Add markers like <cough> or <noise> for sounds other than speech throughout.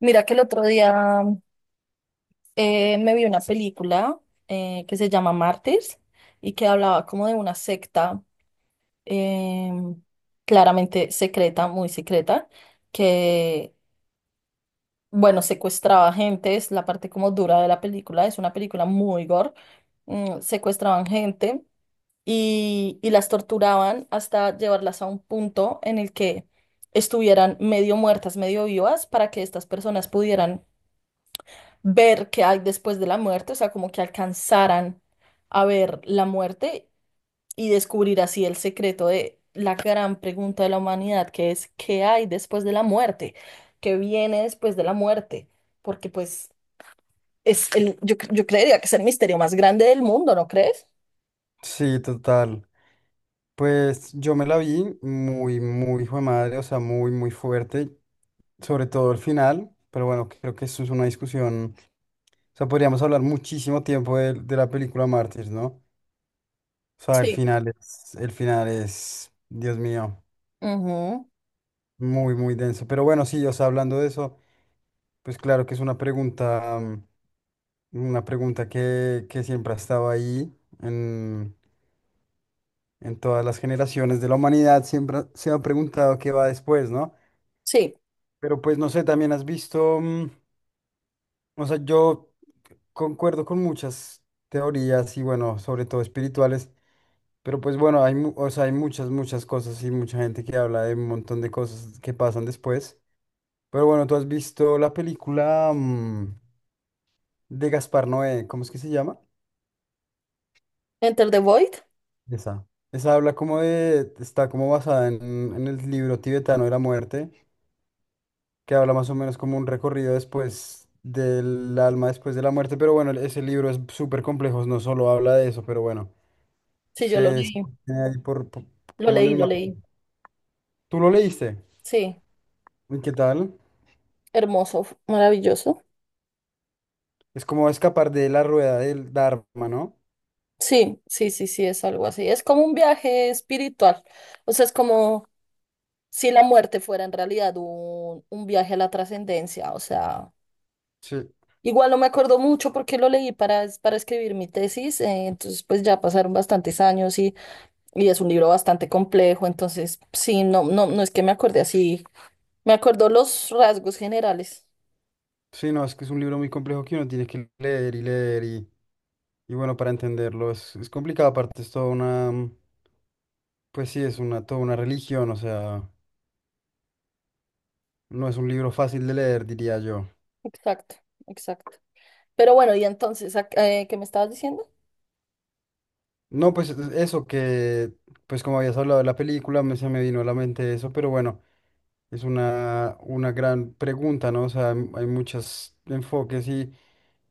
Mira que el otro día me vi una película que se llama Mártires y que hablaba como de una secta, em, claramente secreta, muy secreta, que, bueno, secuestraba gente. Es la parte como dura de la película, es una película muy gore, secuestraban gente y las torturaban hasta llevarlas a un punto en el que estuvieran medio muertas, medio vivas, para que estas personas pudieran ver qué hay después de la muerte. O sea, como que alcanzaran a ver la muerte y descubrir así el secreto de la gran pregunta de la humanidad, que es ¿qué hay después de la muerte? ¿Qué viene después de la muerte? Porque pues es el, yo, yo creería que es el misterio más grande del mundo, ¿no crees? Sí, total. Pues yo me la vi muy, muy hijo de madre, o sea, muy, muy fuerte, sobre todo el final, pero bueno, creo que eso es una discusión, o sea, podríamos hablar muchísimo tiempo de la película Mártir, ¿no? O sea, Sí. El final es, Dios mío, Ujú. muy, muy denso. Pero bueno, sí, o sea, hablando de eso, pues claro que es una pregunta, una pregunta que siempre ha estado ahí en, en todas las generaciones de la humanidad, siempre se ha preguntado qué va después, ¿no? Sí. Pero pues no sé, también has visto, o sea, yo concuerdo con muchas teorías y bueno, sobre todo espirituales, pero pues bueno, hay, o sea, hay muchas, muchas cosas y mucha gente que habla de un montón de cosas que pasan después. Pero bueno, ¿tú has visto la película de Gaspar Noé? ¿Cómo es que se llama? Enter the Void. Esa. Esa habla como de, está como basada en el libro tibetano de la muerte que habla más o menos como un recorrido después del alma, después de la muerte. Pero bueno, ese libro es súper complejo, no solo habla de eso, pero bueno, Sí, yo lo se leí, mantiene ahí como en el lo mar. leí. ¿Tú lo leíste? Sí, ¿Y qué tal? hermoso, maravilloso. Es como escapar de la rueda del Dharma, ¿no? Sí, sí, sí, sí, es algo así. Es como un viaje espiritual. O sea, es como si la muerte fuera en realidad un viaje a la trascendencia. O sea, Sí, igual no me acuerdo mucho porque lo leí para, para escribir mi tesis. Entonces, pues ya pasaron bastantes años y es un libro bastante complejo. Entonces, sí, no, no es que me acordé así. Me acuerdo los rasgos generales. sí, no, es que es un libro muy complejo que uno tiene que leer y leer y bueno, para entenderlo es complicado, aparte es toda una, pues sí, es una, toda una religión, o sea, no es un libro fácil de leer, diría yo. Exacto, exacto. Pero bueno, y entonces, ¿qué me estabas diciendo? No, eso que, pues como habías hablado de la película, me, se me vino a la mente eso, pero bueno, es una gran pregunta, ¿no? O sea, hay muchos enfoques y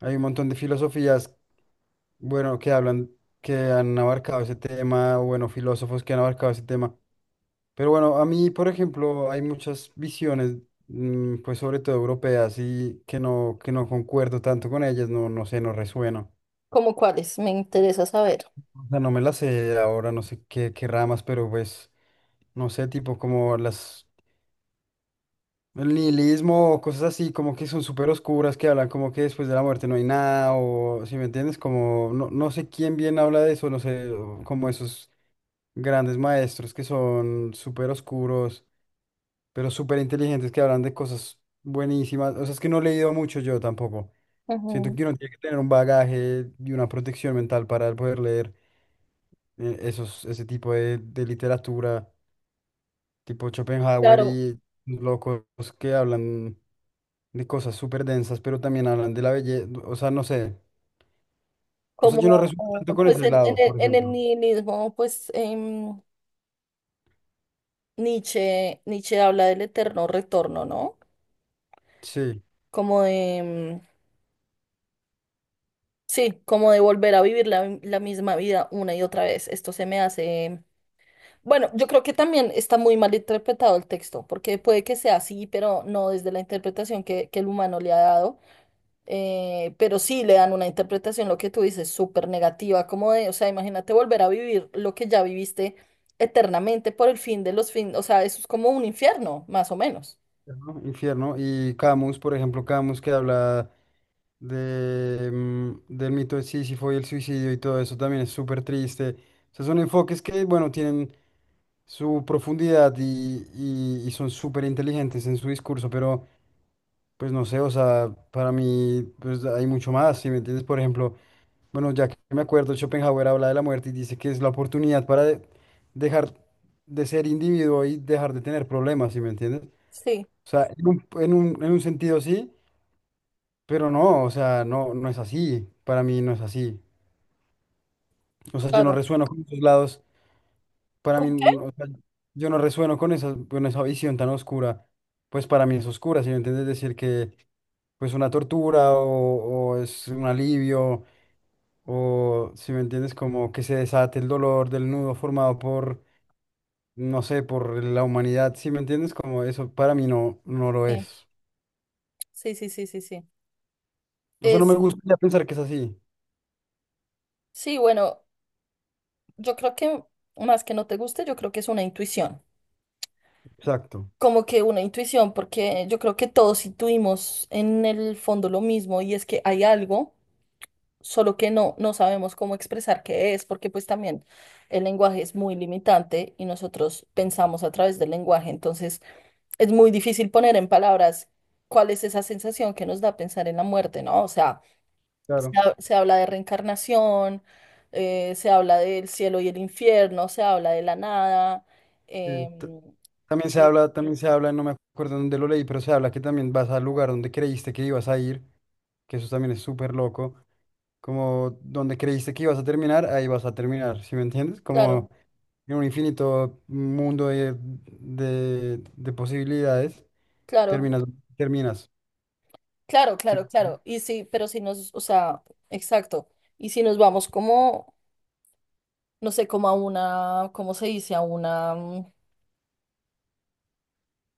hay un montón de filosofías, bueno, que hablan, que han abarcado ese tema, o bueno, filósofos que han abarcado ese tema. Pero bueno, a mí, por ejemplo, hay muchas visiones, pues sobre todo europeas y que no concuerdo tanto con ellas, no, no sé, no resueno. ¿Cómo cuáles? Me interesa saber. O sea, no me las sé ahora, no sé qué, qué ramas, pero pues, no sé, tipo como las, el nihilismo o cosas así, como que son súper oscuras, que hablan como que después de la muerte no hay nada, o si me entiendes, como, no, no sé quién bien habla de eso, no sé, o como esos grandes maestros que son súper oscuros, pero súper inteligentes, que hablan de cosas buenísimas. O sea, es que no he leído mucho yo tampoco. Siento Ujú. que uno tiene que tener un bagaje y una protección mental para poder leer esos, ese tipo de literatura, tipo Schopenhauer Claro. y locos que hablan de cosas súper densas, pero también hablan de la belleza, o sea, no sé, o sea, yo no Como resuelvo tanto con pues ese lado, por en el ejemplo. nihilismo, pues Nietzsche, Nietzsche habla del eterno retorno, ¿no? Sí. Como de, sí, como de volver a vivir la, la misma vida una y otra vez. Esto se me hace... Bueno, yo creo que también está muy mal interpretado el texto, porque puede que sea así, pero no desde la interpretación que el humano le ha dado. Pero sí le dan una interpretación, lo que tú dices, súper negativa, como de, o sea, imagínate volver a vivir lo que ya viviste eternamente por el fin de los fines. O sea, eso es como un infierno, más o menos. Infierno. Infierno. Y Camus, por ejemplo, Camus que habla de, del mito de Sísifo y el suicidio y todo eso también es súper triste. O sea, son enfoques que, bueno, tienen su profundidad y son súper inteligentes en su discurso, pero pues no sé, o sea, para mí pues hay mucho más, ¿si me entiendes? Por ejemplo, bueno, ya que me acuerdo, Schopenhauer habla de la muerte y dice que es la oportunidad dejar de ser individuo y dejar de tener problemas, ¿si me entiendes? O Sí, sea, en un sentido sí, pero no, o sea, no, no es así. Para mí no es así. O sea, yo no claro. resueno con esos lados. Para ¿Con mí, o sea, yo no resueno con esa visión tan oscura. Pues para mí es oscura, si me entiendes decir que pues una tortura o es un alivio o si me entiendes como que se desate el dolor del nudo formado por, no sé, por la humanidad, si me entiendes como eso para mí no, no lo qué? es. Sí, sí, sí, sí, sí. O sea, no me Es, gustaría pensar que es así. sí, bueno, yo creo que más que no te guste, yo creo que es una intuición. Exacto. Como que una intuición, porque yo creo que todos intuimos en el fondo lo mismo y es que hay algo, solo que no, no sabemos cómo expresar qué es, porque pues también el lenguaje es muy limitante y nosotros pensamos a través del lenguaje. Entonces, es muy difícil poner en palabras cuál es esa sensación que nos da pensar en la muerte, ¿no? O sea, se, Claro. Se habla de reencarnación, se habla del cielo y el infierno, se habla de la nada, Sí, t- em, también se y habla, también se habla, no me acuerdo dónde lo leí, pero se habla que también vas al lugar donde creíste que ibas a ir, que eso también es súper loco, como donde creíste que ibas a terminar, ahí vas a terminar, ¿sí me entiendes? Como claro, en un infinito mundo de posibilidades, claro, terminas, terminas, claro, sí, claro, claro, y sí. Pero si nos, o sea, exacto. Y si nos vamos como no sé, como a una, ¿cómo se dice? A una,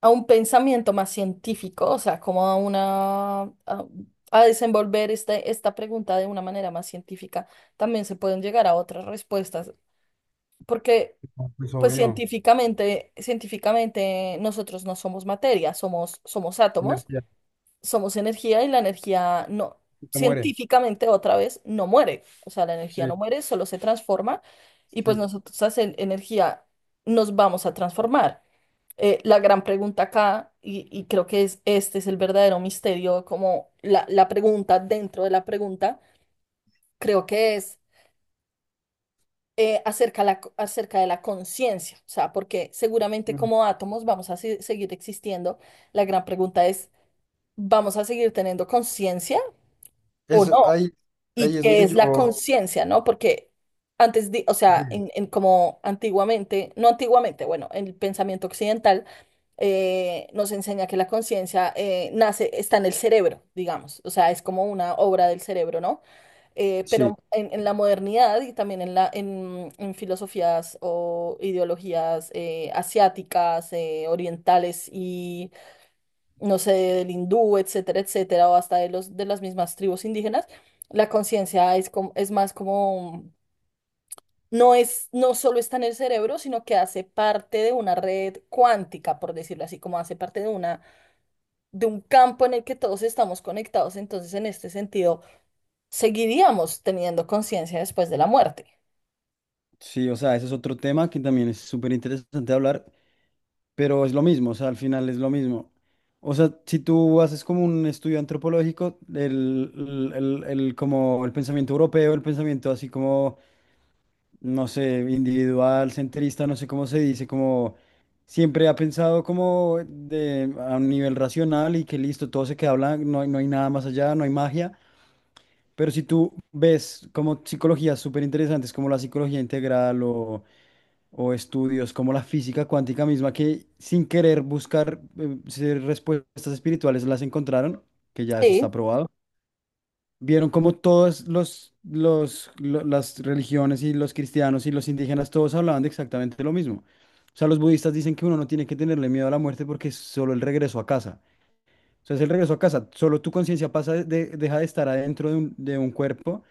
a un pensamiento más científico, o sea, como a una, a desenvolver este, esta pregunta de una manera más científica, también se pueden llegar a otras respuestas, porque pues pues ok, obvio, científicamente, científicamente nosotros no somos materia, somos, somos átomos. energía, Somos energía y la energía no, te muere, científicamente otra vez, no muere. O sea, la sí, energía no muere, solo se transforma y pues sí. nosotros hacen energía nos vamos a transformar. La gran pregunta acá, y creo que es, este es el verdadero misterio, como la pregunta dentro de la pregunta, creo que es acerca, la, acerca de la conciencia. O sea, porque seguramente Mm. como átomos vamos a seguir existiendo, la gran pregunta es, ¿vamos a seguir teniendo conciencia o Eso, no? ahí, Y ahí es que donde es la yo... conciencia, ¿no? Porque antes, o sea, Sí. En como antiguamente, no antiguamente, bueno, el pensamiento occidental nos enseña que la conciencia nace, está en el cerebro, digamos, o sea, es como una obra del cerebro, ¿no? Sí, Pero en la modernidad y también en la, en filosofías o ideologías asiáticas, orientales, no sé, del hindú, etcétera, etcétera, o hasta de los de las mismas tribus indígenas, la conciencia es como, es más como, no es, no solo está en el cerebro, sino que hace parte de una red cuántica, por decirlo así, como hace parte de una, de un campo en el que todos estamos conectados. Entonces, en este sentido, seguiríamos teniendo conciencia después de la muerte. sí, o sea, ese es otro tema que también es súper interesante hablar. Pero es lo mismo, o sea, al final es lo mismo. O sea, si tú haces como un estudio antropológico, como el pensamiento europeo, el pensamiento así como, no sé, individual, centrista, no sé cómo se dice, como siempre ha pensado como de, a un nivel racional y que listo, todo se queda blanco, no hay, no hay nada más allá, no hay magia. Pero si tú ves como psicologías súper interesantes como la psicología integral o estudios como la física cuántica misma que sin querer buscar ser respuestas espirituales las encontraron, que ya eso está Sí, probado. Vieron como todas las religiones y los cristianos y los indígenas, todos hablaban de exactamente lo mismo. O sea, los budistas dicen que uno no tiene que tenerle miedo a la muerte porque es solo el regreso a casa. O sea, es el regreso a casa. Solo tu conciencia deja de estar adentro de un cuerpo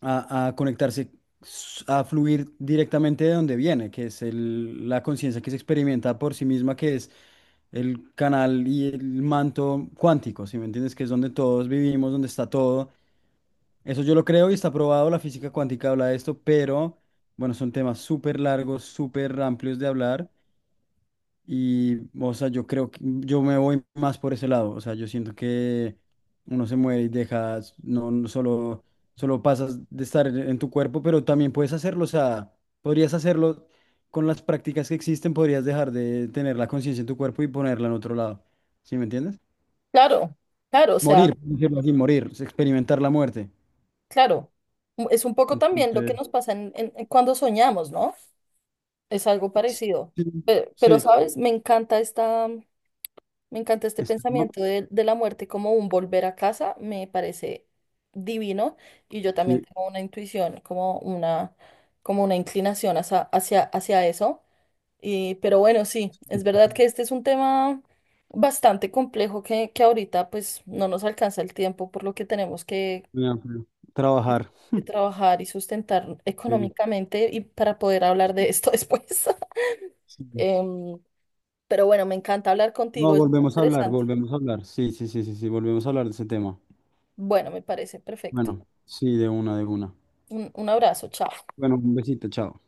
a conectarse, a fluir directamente de donde viene, que es la conciencia que se experimenta por sí misma, que es el canal y el manto cuántico, ¿si me entiendes? Que es donde todos vivimos, donde está todo. Eso yo lo creo y está probado, la física cuántica habla de esto, pero bueno, son temas súper largos, súper amplios de hablar. Y, o sea, yo creo que yo me voy más por ese lado. O sea, yo siento que uno se muere y dejas, no, no solo, solo pasas de estar en tu cuerpo, pero también puedes hacerlo. O sea, podrías hacerlo con las prácticas que existen, podrías dejar de tener la conciencia en tu cuerpo y ponerla en otro lado. ¿Sí me entiendes? claro, claro, o sea, Morir, por decirlo así, morir, es experimentar la muerte. claro. Es un poco también lo que Entonces, nos pasa cuando soñamos, ¿no? Es algo parecido. sí, Pe- Pero, sí, ¿sabes? Me encanta esta, me encanta este este, ¿no? pensamiento de la muerte como un volver a casa. Me parece divino. Y yo también Sí, tengo una intuición, como una inclinación hacia, hacia, hacia eso. Y, pero bueno, sí, sí, sí, es verdad sí, que este es un tema bastante complejo que ahorita pues no nos alcanza el tiempo, por lo que tenemos ya, pero trabajar. que trabajar y sustentar Sí, económicamente y para poder hablar de esto <laughs> después. <laughs> sí. Em, Pero bueno, me encanta hablar No, contigo, es muy volvemos a hablar, interesante. volvemos a hablar. Sí, sí, sí, sí, sí, volvemos a Sí. hablar de ese tema. Bueno, me parece perfecto. Bueno, sí, de una, de una. Un abrazo, chao. Bueno, un besito, chao.